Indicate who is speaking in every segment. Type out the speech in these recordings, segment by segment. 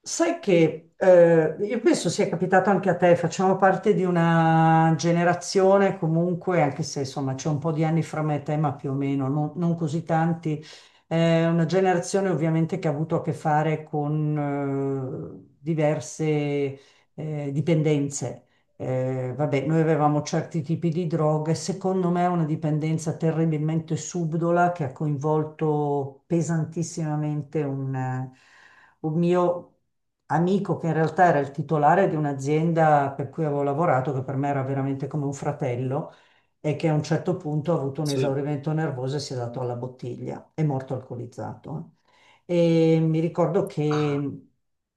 Speaker 1: Sai che io penso sia capitato anche a te, facciamo parte di una generazione comunque, anche se insomma c'è un po' di anni fra me e te, ma più o meno, non così tanti, una generazione ovviamente che ha avuto a che fare con diverse dipendenze. Vabbè, noi avevamo certi tipi di droghe, secondo me è una dipendenza terribilmente subdola che ha coinvolto pesantissimamente un mio amico che in realtà era il titolare di un'azienda per cui avevo lavorato, che per me era veramente come un fratello, e che a un certo punto ha avuto un
Speaker 2: Sì.
Speaker 1: esaurimento nervoso e si è dato alla bottiglia, è morto alcolizzato. E mi ricordo
Speaker 2: Ah,
Speaker 1: che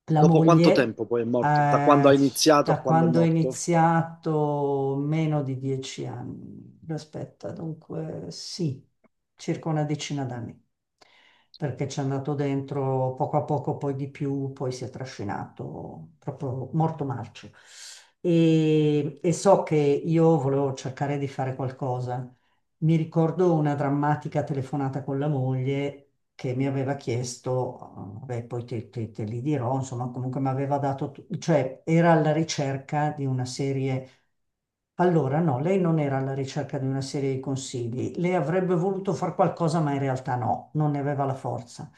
Speaker 1: la
Speaker 2: dopo quanto
Speaker 1: moglie,
Speaker 2: tempo poi è morto? Da quando ha
Speaker 1: eh,
Speaker 2: iniziato a
Speaker 1: da
Speaker 2: quando è
Speaker 1: quando ho
Speaker 2: morto?
Speaker 1: iniziato, meno di 10 anni, aspetta, dunque sì, circa una decina d'anni, perché ci è andato dentro poco a poco, poi di più, poi si è trascinato proprio morto marcio. E so che io volevo cercare di fare qualcosa, mi ricordo una drammatica telefonata con la moglie che mi aveva chiesto, beh, poi te li dirò, insomma, comunque mi aveva dato, cioè era alla ricerca di una serie. Allora, no, lei non era alla ricerca di una serie di consigli, lei avrebbe voluto fare qualcosa, ma in realtà no, non ne aveva la forza.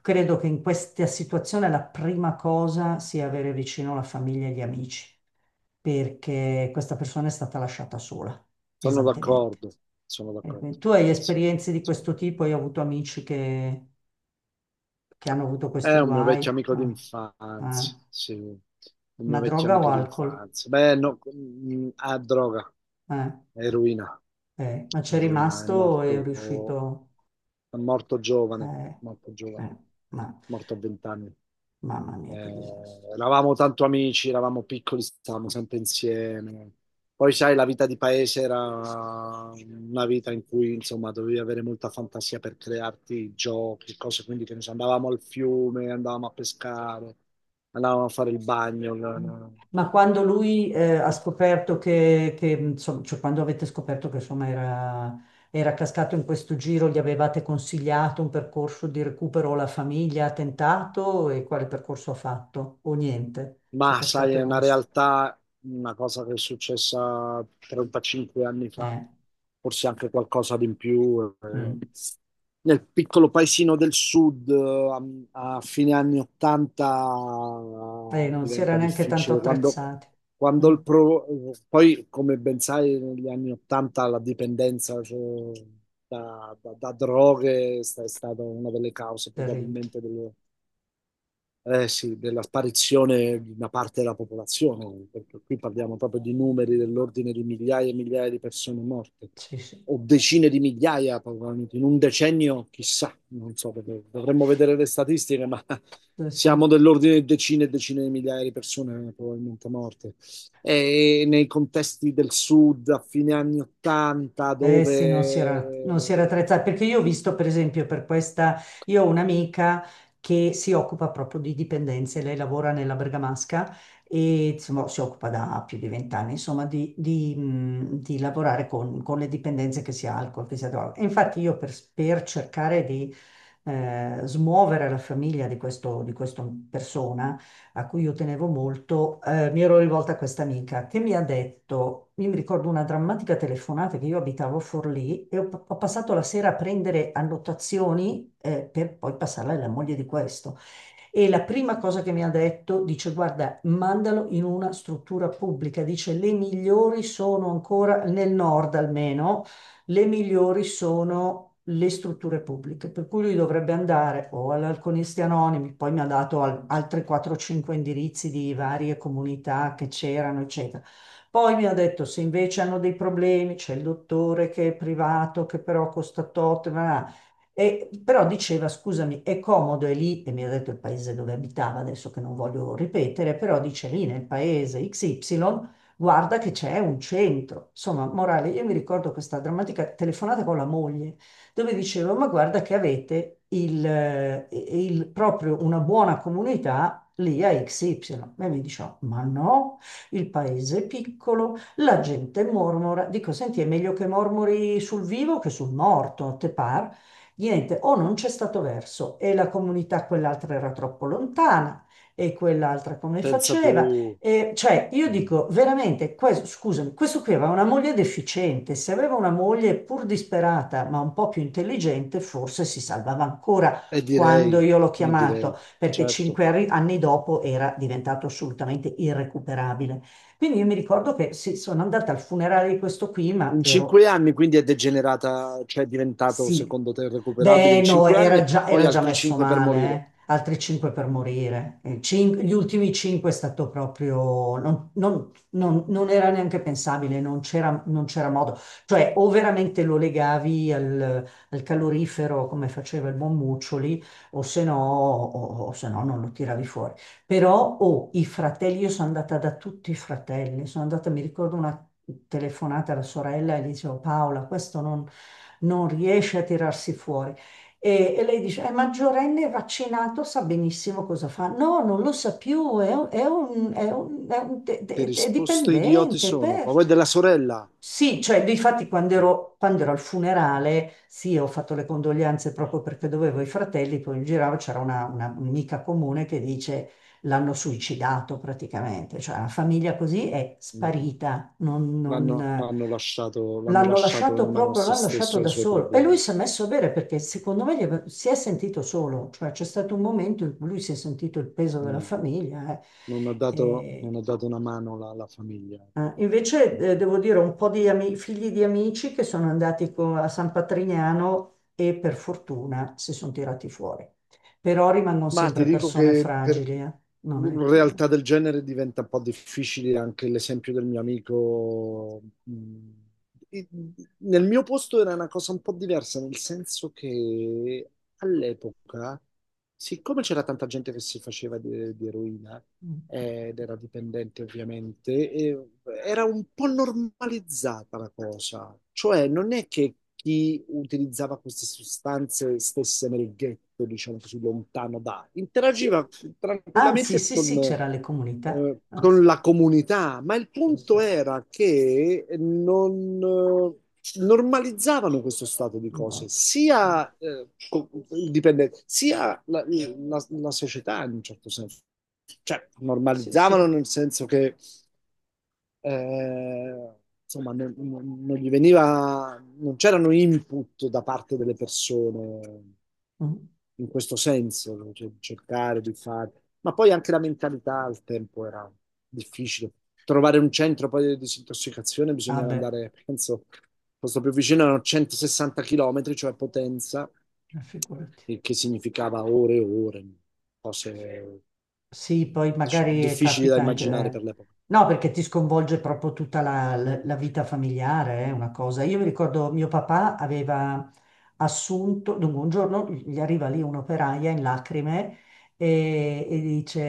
Speaker 1: Credo che in questa situazione la prima cosa sia avere vicino la famiglia e gli amici, perché questa persona è stata lasciata sola,
Speaker 2: Sono
Speaker 1: pesantemente.
Speaker 2: d'accordo, sono d'accordo.
Speaker 1: Tu hai
Speaker 2: Sì,
Speaker 1: esperienze di
Speaker 2: insomma.
Speaker 1: questo tipo? Io ho avuto amici che hanno avuto questi
Speaker 2: È un mio vecchio
Speaker 1: guai.
Speaker 2: amico
Speaker 1: Ah, ah.
Speaker 2: d'infanzia, sì, un
Speaker 1: Ma
Speaker 2: mio vecchio
Speaker 1: droga o
Speaker 2: amico
Speaker 1: alcol?
Speaker 2: d'infanzia. Beh, no, droga,
Speaker 1: Eh,
Speaker 2: eroina,
Speaker 1: Ma c'è
Speaker 2: eroina,
Speaker 1: rimasto e è riuscito.
Speaker 2: è morto giovane,
Speaker 1: eh,
Speaker 2: morto giovane,
Speaker 1: eh, ma,
Speaker 2: morto a vent'anni.
Speaker 1: Mamma mia, che disastro.
Speaker 2: Eravamo tanto amici, eravamo piccoli, stavamo sempre insieme. Poi, sai, la vita di paese era una vita in cui, insomma, dovevi avere molta fantasia per crearti giochi, cose, quindi che ne so, andavamo al fiume, andavamo a pescare, andavamo a fare il bagno.
Speaker 1: Ma quando lui ha
Speaker 2: L-
Speaker 1: scoperto insomma, cioè quando avete scoperto che insomma era, era cascato in questo giro, gli avevate consigliato un percorso di recupero, la famiglia ha tentato e quale percorso ha fatto? O niente, cioè
Speaker 2: Ma sai,
Speaker 1: cascato e
Speaker 2: è una
Speaker 1: basta.
Speaker 2: realtà, una cosa che è successa 35 anni fa,
Speaker 1: Eh,
Speaker 2: forse anche qualcosa di in più.
Speaker 1: mm.
Speaker 2: Nel piccolo paesino del sud, a, a fine anni
Speaker 1: E
Speaker 2: 80,
Speaker 1: non si era
Speaker 2: diventa
Speaker 1: neanche tanto
Speaker 2: difficile.
Speaker 1: attrezzati. Mm.
Speaker 2: Quando il pro- Poi, come ben sai, negli anni 80 la dipendenza, cioè, da droghe è stata una delle cause
Speaker 1: Terribile.
Speaker 2: probabilmente delle eh sì, della sparizione di una parte della popolazione, perché qui parliamo proprio di numeri dell'ordine di migliaia e migliaia di persone morte,
Speaker 1: Sì, sì.
Speaker 2: o decine di migliaia, probabilmente in un decennio, chissà, non so, perché dovremmo vedere le statistiche, ma
Speaker 1: Sì, sì.
Speaker 2: siamo dell'ordine di decine e decine di migliaia di persone probabilmente morte. E nei contesti del sud a fine anni 80,
Speaker 1: Eh sì, non si era
Speaker 2: dove
Speaker 1: attrezzata, perché io ho visto per esempio per questa, io ho un'amica che si occupa proprio di dipendenze, lei lavora nella Bergamasca e insomma, si occupa da più di 20 anni, insomma, di lavorare con le dipendenze che sia alcol, che sia droga. E infatti io per cercare di smuovere la famiglia di questo, di questa persona, a cui io tenevo molto, mi ero rivolta a questa amica che mi ha detto, io mi ricordo una drammatica telefonata che io abitavo a Forlì e ho passato la sera a prendere annotazioni, per poi passarla alla moglie di questo. E la prima cosa che mi ha detto, dice, guarda, mandalo in una struttura pubblica, dice, le migliori sono ancora, nel nord almeno, le migliori sono le strutture pubbliche, per cui lui dovrebbe andare o all'Alconisti Anonimi, poi mi ha dato altri 4-5 indirizzi di varie comunità che c'erano, eccetera. Poi mi ha detto se invece hanno dei problemi, c'è il dottore che è privato, che però costa tot, ma però diceva, scusami, è comodo, è lì, e mi ha detto il paese dove abitava, adesso che non voglio ripetere, però dice lì nel paese XY, guarda che c'è un centro. Insomma, morale, io mi ricordo questa drammatica telefonata con la moglie, dove dicevo, ma guarda che avete proprio una buona comunità lì a XY. E mi diceva, ma no, il paese è piccolo, la gente mormora. Dico, senti, è meglio che mormori sul vivo che sul morto, te par? Niente, o non c'è stato verso e la comunità quell'altra era troppo lontana e quell'altra come
Speaker 2: pensa
Speaker 1: faceva.
Speaker 2: tu,
Speaker 1: E, cioè, io dico veramente, questo, scusami, questo qui aveva una moglie deficiente, se aveva una moglie pur disperata ma un po' più intelligente, forse si salvava ancora
Speaker 2: e
Speaker 1: quando
Speaker 2: direi,
Speaker 1: io l'ho
Speaker 2: e
Speaker 1: chiamato,
Speaker 2: direi,
Speaker 1: perché
Speaker 2: certo.
Speaker 1: cinque anni dopo era diventato assolutamente irrecuperabile. Quindi io mi ricordo che sì, sono andata al funerale di questo qui, ma
Speaker 2: In
Speaker 1: ero
Speaker 2: cinque anni quindi è degenerata, cioè è diventato
Speaker 1: sì.
Speaker 2: secondo te recuperabile
Speaker 1: Beh,
Speaker 2: in
Speaker 1: no,
Speaker 2: cinque anni e poi
Speaker 1: era già
Speaker 2: altri
Speaker 1: messo
Speaker 2: cinque per
Speaker 1: male,
Speaker 2: morire.
Speaker 1: eh. Altri 5 per morire. Gli ultimi 5 è stato proprio... Non era neanche pensabile, non c'era modo. Cioè, o veramente lo legavi al calorifero come faceva il buon Muccioli, o se no, o se no non lo tiravi fuori. Però oh, i fratelli, io sono andata da tutti i fratelli, sono andata, mi ricordo una telefonata alla sorella e gli dicevo Paola, questo non, non riesce a tirarsi fuori. E lei dice, è maggiorenne, è vaccinato, sa benissimo cosa fa. No, non lo sa più, è, un- è un- è un- è un-
Speaker 2: Che
Speaker 1: è
Speaker 2: risposte idioti
Speaker 1: dipendente.
Speaker 2: sono?
Speaker 1: Per...
Speaker 2: Ma poi della sorella.
Speaker 1: Sì, cioè, difatti quando ero al funerale, sì, ho fatto le condoglianze proprio perché dovevo i fratelli, poi in giro c'era una un'amica comune che dice, l'hanno suicidato praticamente, cioè una famiglia così è
Speaker 2: Mm.
Speaker 1: sparita,
Speaker 2: l'hanno l'hanno lasciato, l'hanno
Speaker 1: l'hanno
Speaker 2: lasciato in
Speaker 1: lasciato
Speaker 2: mano a
Speaker 1: proprio,
Speaker 2: se
Speaker 1: l'hanno lasciato
Speaker 2: stesso e ai
Speaker 1: da
Speaker 2: suoi
Speaker 1: solo e lui
Speaker 2: problemi.
Speaker 1: si è messo a bere perché secondo me si è sentito solo, cioè c'è stato un momento in cui lui si è sentito il peso della
Speaker 2: Mm.
Speaker 1: famiglia.
Speaker 2: Non ha dato,
Speaker 1: E-
Speaker 2: non ha dato una mano alla alla famiglia.
Speaker 1: Invece devo dire un po' di figli di amici che sono andati a San Patrignano e per fortuna si sono tirati fuori. Però rimangono
Speaker 2: Ma ti
Speaker 1: sempre
Speaker 2: dico
Speaker 1: persone
Speaker 2: che per
Speaker 1: fragili, eh. Non è
Speaker 2: una
Speaker 1: che...
Speaker 2: realtà del genere diventa un po' difficile anche l'esempio del mio amico. Mm, i- Nel mio posto era una cosa un po' diversa, nel senso che all'epoca, siccome c'era tanta gente che si faceva di eroina,
Speaker 1: mm.
Speaker 2: ed era dipendente ovviamente, e era un po' normalizzata la cosa, cioè non è che chi utilizzava queste sostanze stesse nel ghetto, diciamo così, lontano da,
Speaker 1: Sì.
Speaker 2: interagiva
Speaker 1: Anzi,
Speaker 2: tranquillamente
Speaker 1: sì, sì, c'era le comunità. Ah,
Speaker 2: con
Speaker 1: sì,
Speaker 2: la comunità, ma il
Speaker 1: questo
Speaker 2: punto
Speaker 1: è
Speaker 2: era che non... normalizzavano questo stato di
Speaker 1: un
Speaker 2: cose,
Speaker 1: buon-
Speaker 2: sia, il dipendente, sia la, la società in un certo senso, cioè,
Speaker 1: Sì, sì.
Speaker 2: normalizzavano nel senso che eh, insomma, non gli veniva, non c'erano input da parte delle persone
Speaker 1: Mm.
Speaker 2: in questo senso, no? Cioè, cercare di fare. Ma poi anche la mentalità al tempo era difficile. Trovare un centro poi di disintossicazione
Speaker 1: Ah
Speaker 2: bisognava
Speaker 1: beh,
Speaker 2: andare, penso, il posto più vicino erano 160 km, cioè Potenza,
Speaker 1: figurati.
Speaker 2: il che significava ore e ore, cose,
Speaker 1: Sì, poi
Speaker 2: diciamo,
Speaker 1: magari
Speaker 2: difficili da
Speaker 1: capita anche...
Speaker 2: immaginare
Speaker 1: eh.
Speaker 2: per l'epoca.
Speaker 1: No, perché ti sconvolge proprio tutta la vita familiare, è una cosa. Io mi ricordo mio papà aveva assunto, dunque un giorno gli arriva lì un'operaia in lacrime e dice,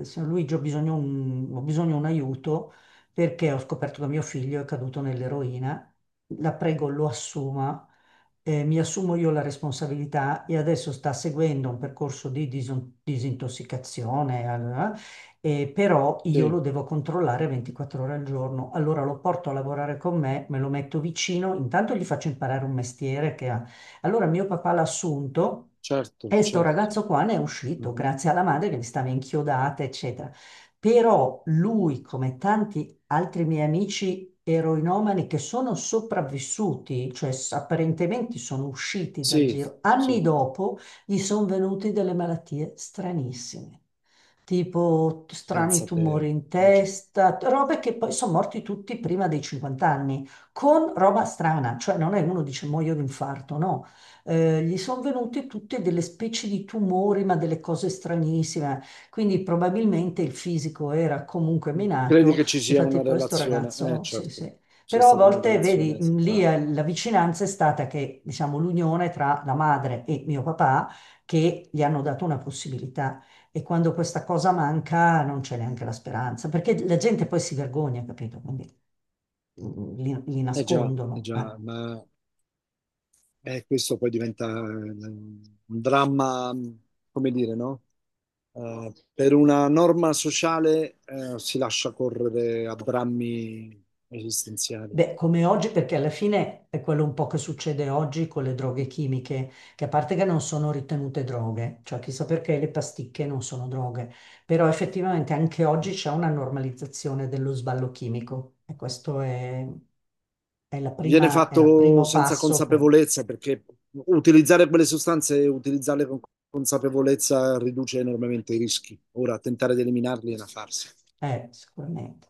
Speaker 1: signor Luigi, ho bisogno un aiuto perché ho scoperto che mio figlio è caduto nell'eroina, la prego lo assuma, mi assumo io la responsabilità e adesso sta seguendo un percorso di disintossicazione, allora, però io lo
Speaker 2: Sì,
Speaker 1: devo controllare 24 ore al giorno. Allora lo porto a lavorare con me, me lo metto vicino, intanto gli faccio imparare un mestiere che ha. Allora mio papà l'ha assunto.
Speaker 2: certo,
Speaker 1: E sto
Speaker 2: certo.
Speaker 1: ragazzo qua ne è uscito
Speaker 2: Mhm.
Speaker 1: grazie alla madre che gli stava inchiodata, eccetera. Però lui, come tanti altri miei amici eroinomani che sono sopravvissuti, cioè apparentemente sono usciti dal
Speaker 2: Sì,
Speaker 1: giro. Anni
Speaker 2: sì,
Speaker 1: dopo gli sono venute delle malattie stranissime, tipo strani tumori
Speaker 2: pensate
Speaker 1: in
Speaker 2: oggi.
Speaker 1: testa, robe che poi sono morti tutti prima dei 50 anni, con roba strana, cioè non è uno dice muoio di infarto, no. Gli sono venute tutte delle specie di tumori, ma delle cose stranissime. Quindi probabilmente il fisico era comunque
Speaker 2: Credi
Speaker 1: minato.
Speaker 2: che ci sia
Speaker 1: Difatti
Speaker 2: una
Speaker 1: poi sto
Speaker 2: relazione?
Speaker 1: ragazzo, sì,
Speaker 2: Certo,
Speaker 1: sì.
Speaker 2: c'è
Speaker 1: Però a
Speaker 2: stata una
Speaker 1: volte, vedi,
Speaker 2: relazione
Speaker 1: lì
Speaker 2: tra...
Speaker 1: la vicinanza è stata che, diciamo, l'unione tra la madre e mio papà che gli hanno dato una possibilità. E quando questa cosa manca non c'è neanche la speranza, perché la gente poi si vergogna, capito? Quindi li
Speaker 2: Eh già, eh
Speaker 1: nascondono.
Speaker 2: già,
Speaker 1: eh.
Speaker 2: ma questo poi diventa un dramma, come dire, no? Per una norma sociale si lascia correre a drammi esistenziali.
Speaker 1: Beh, come oggi, perché alla fine è quello un po' che succede oggi con le droghe chimiche, che a parte che non sono ritenute droghe, cioè chissà perché le pasticche non sono droghe, però effettivamente anche oggi c'è una normalizzazione dello sballo chimico e questo è la
Speaker 2: Viene
Speaker 1: è il
Speaker 2: fatto
Speaker 1: primo
Speaker 2: senza
Speaker 1: passo per...
Speaker 2: consapevolezza perché utilizzare quelle sostanze e utilizzarle con consapevolezza riduce enormemente i rischi. Ora, tentare di eliminarli è una farsa.
Speaker 1: Sicuramente.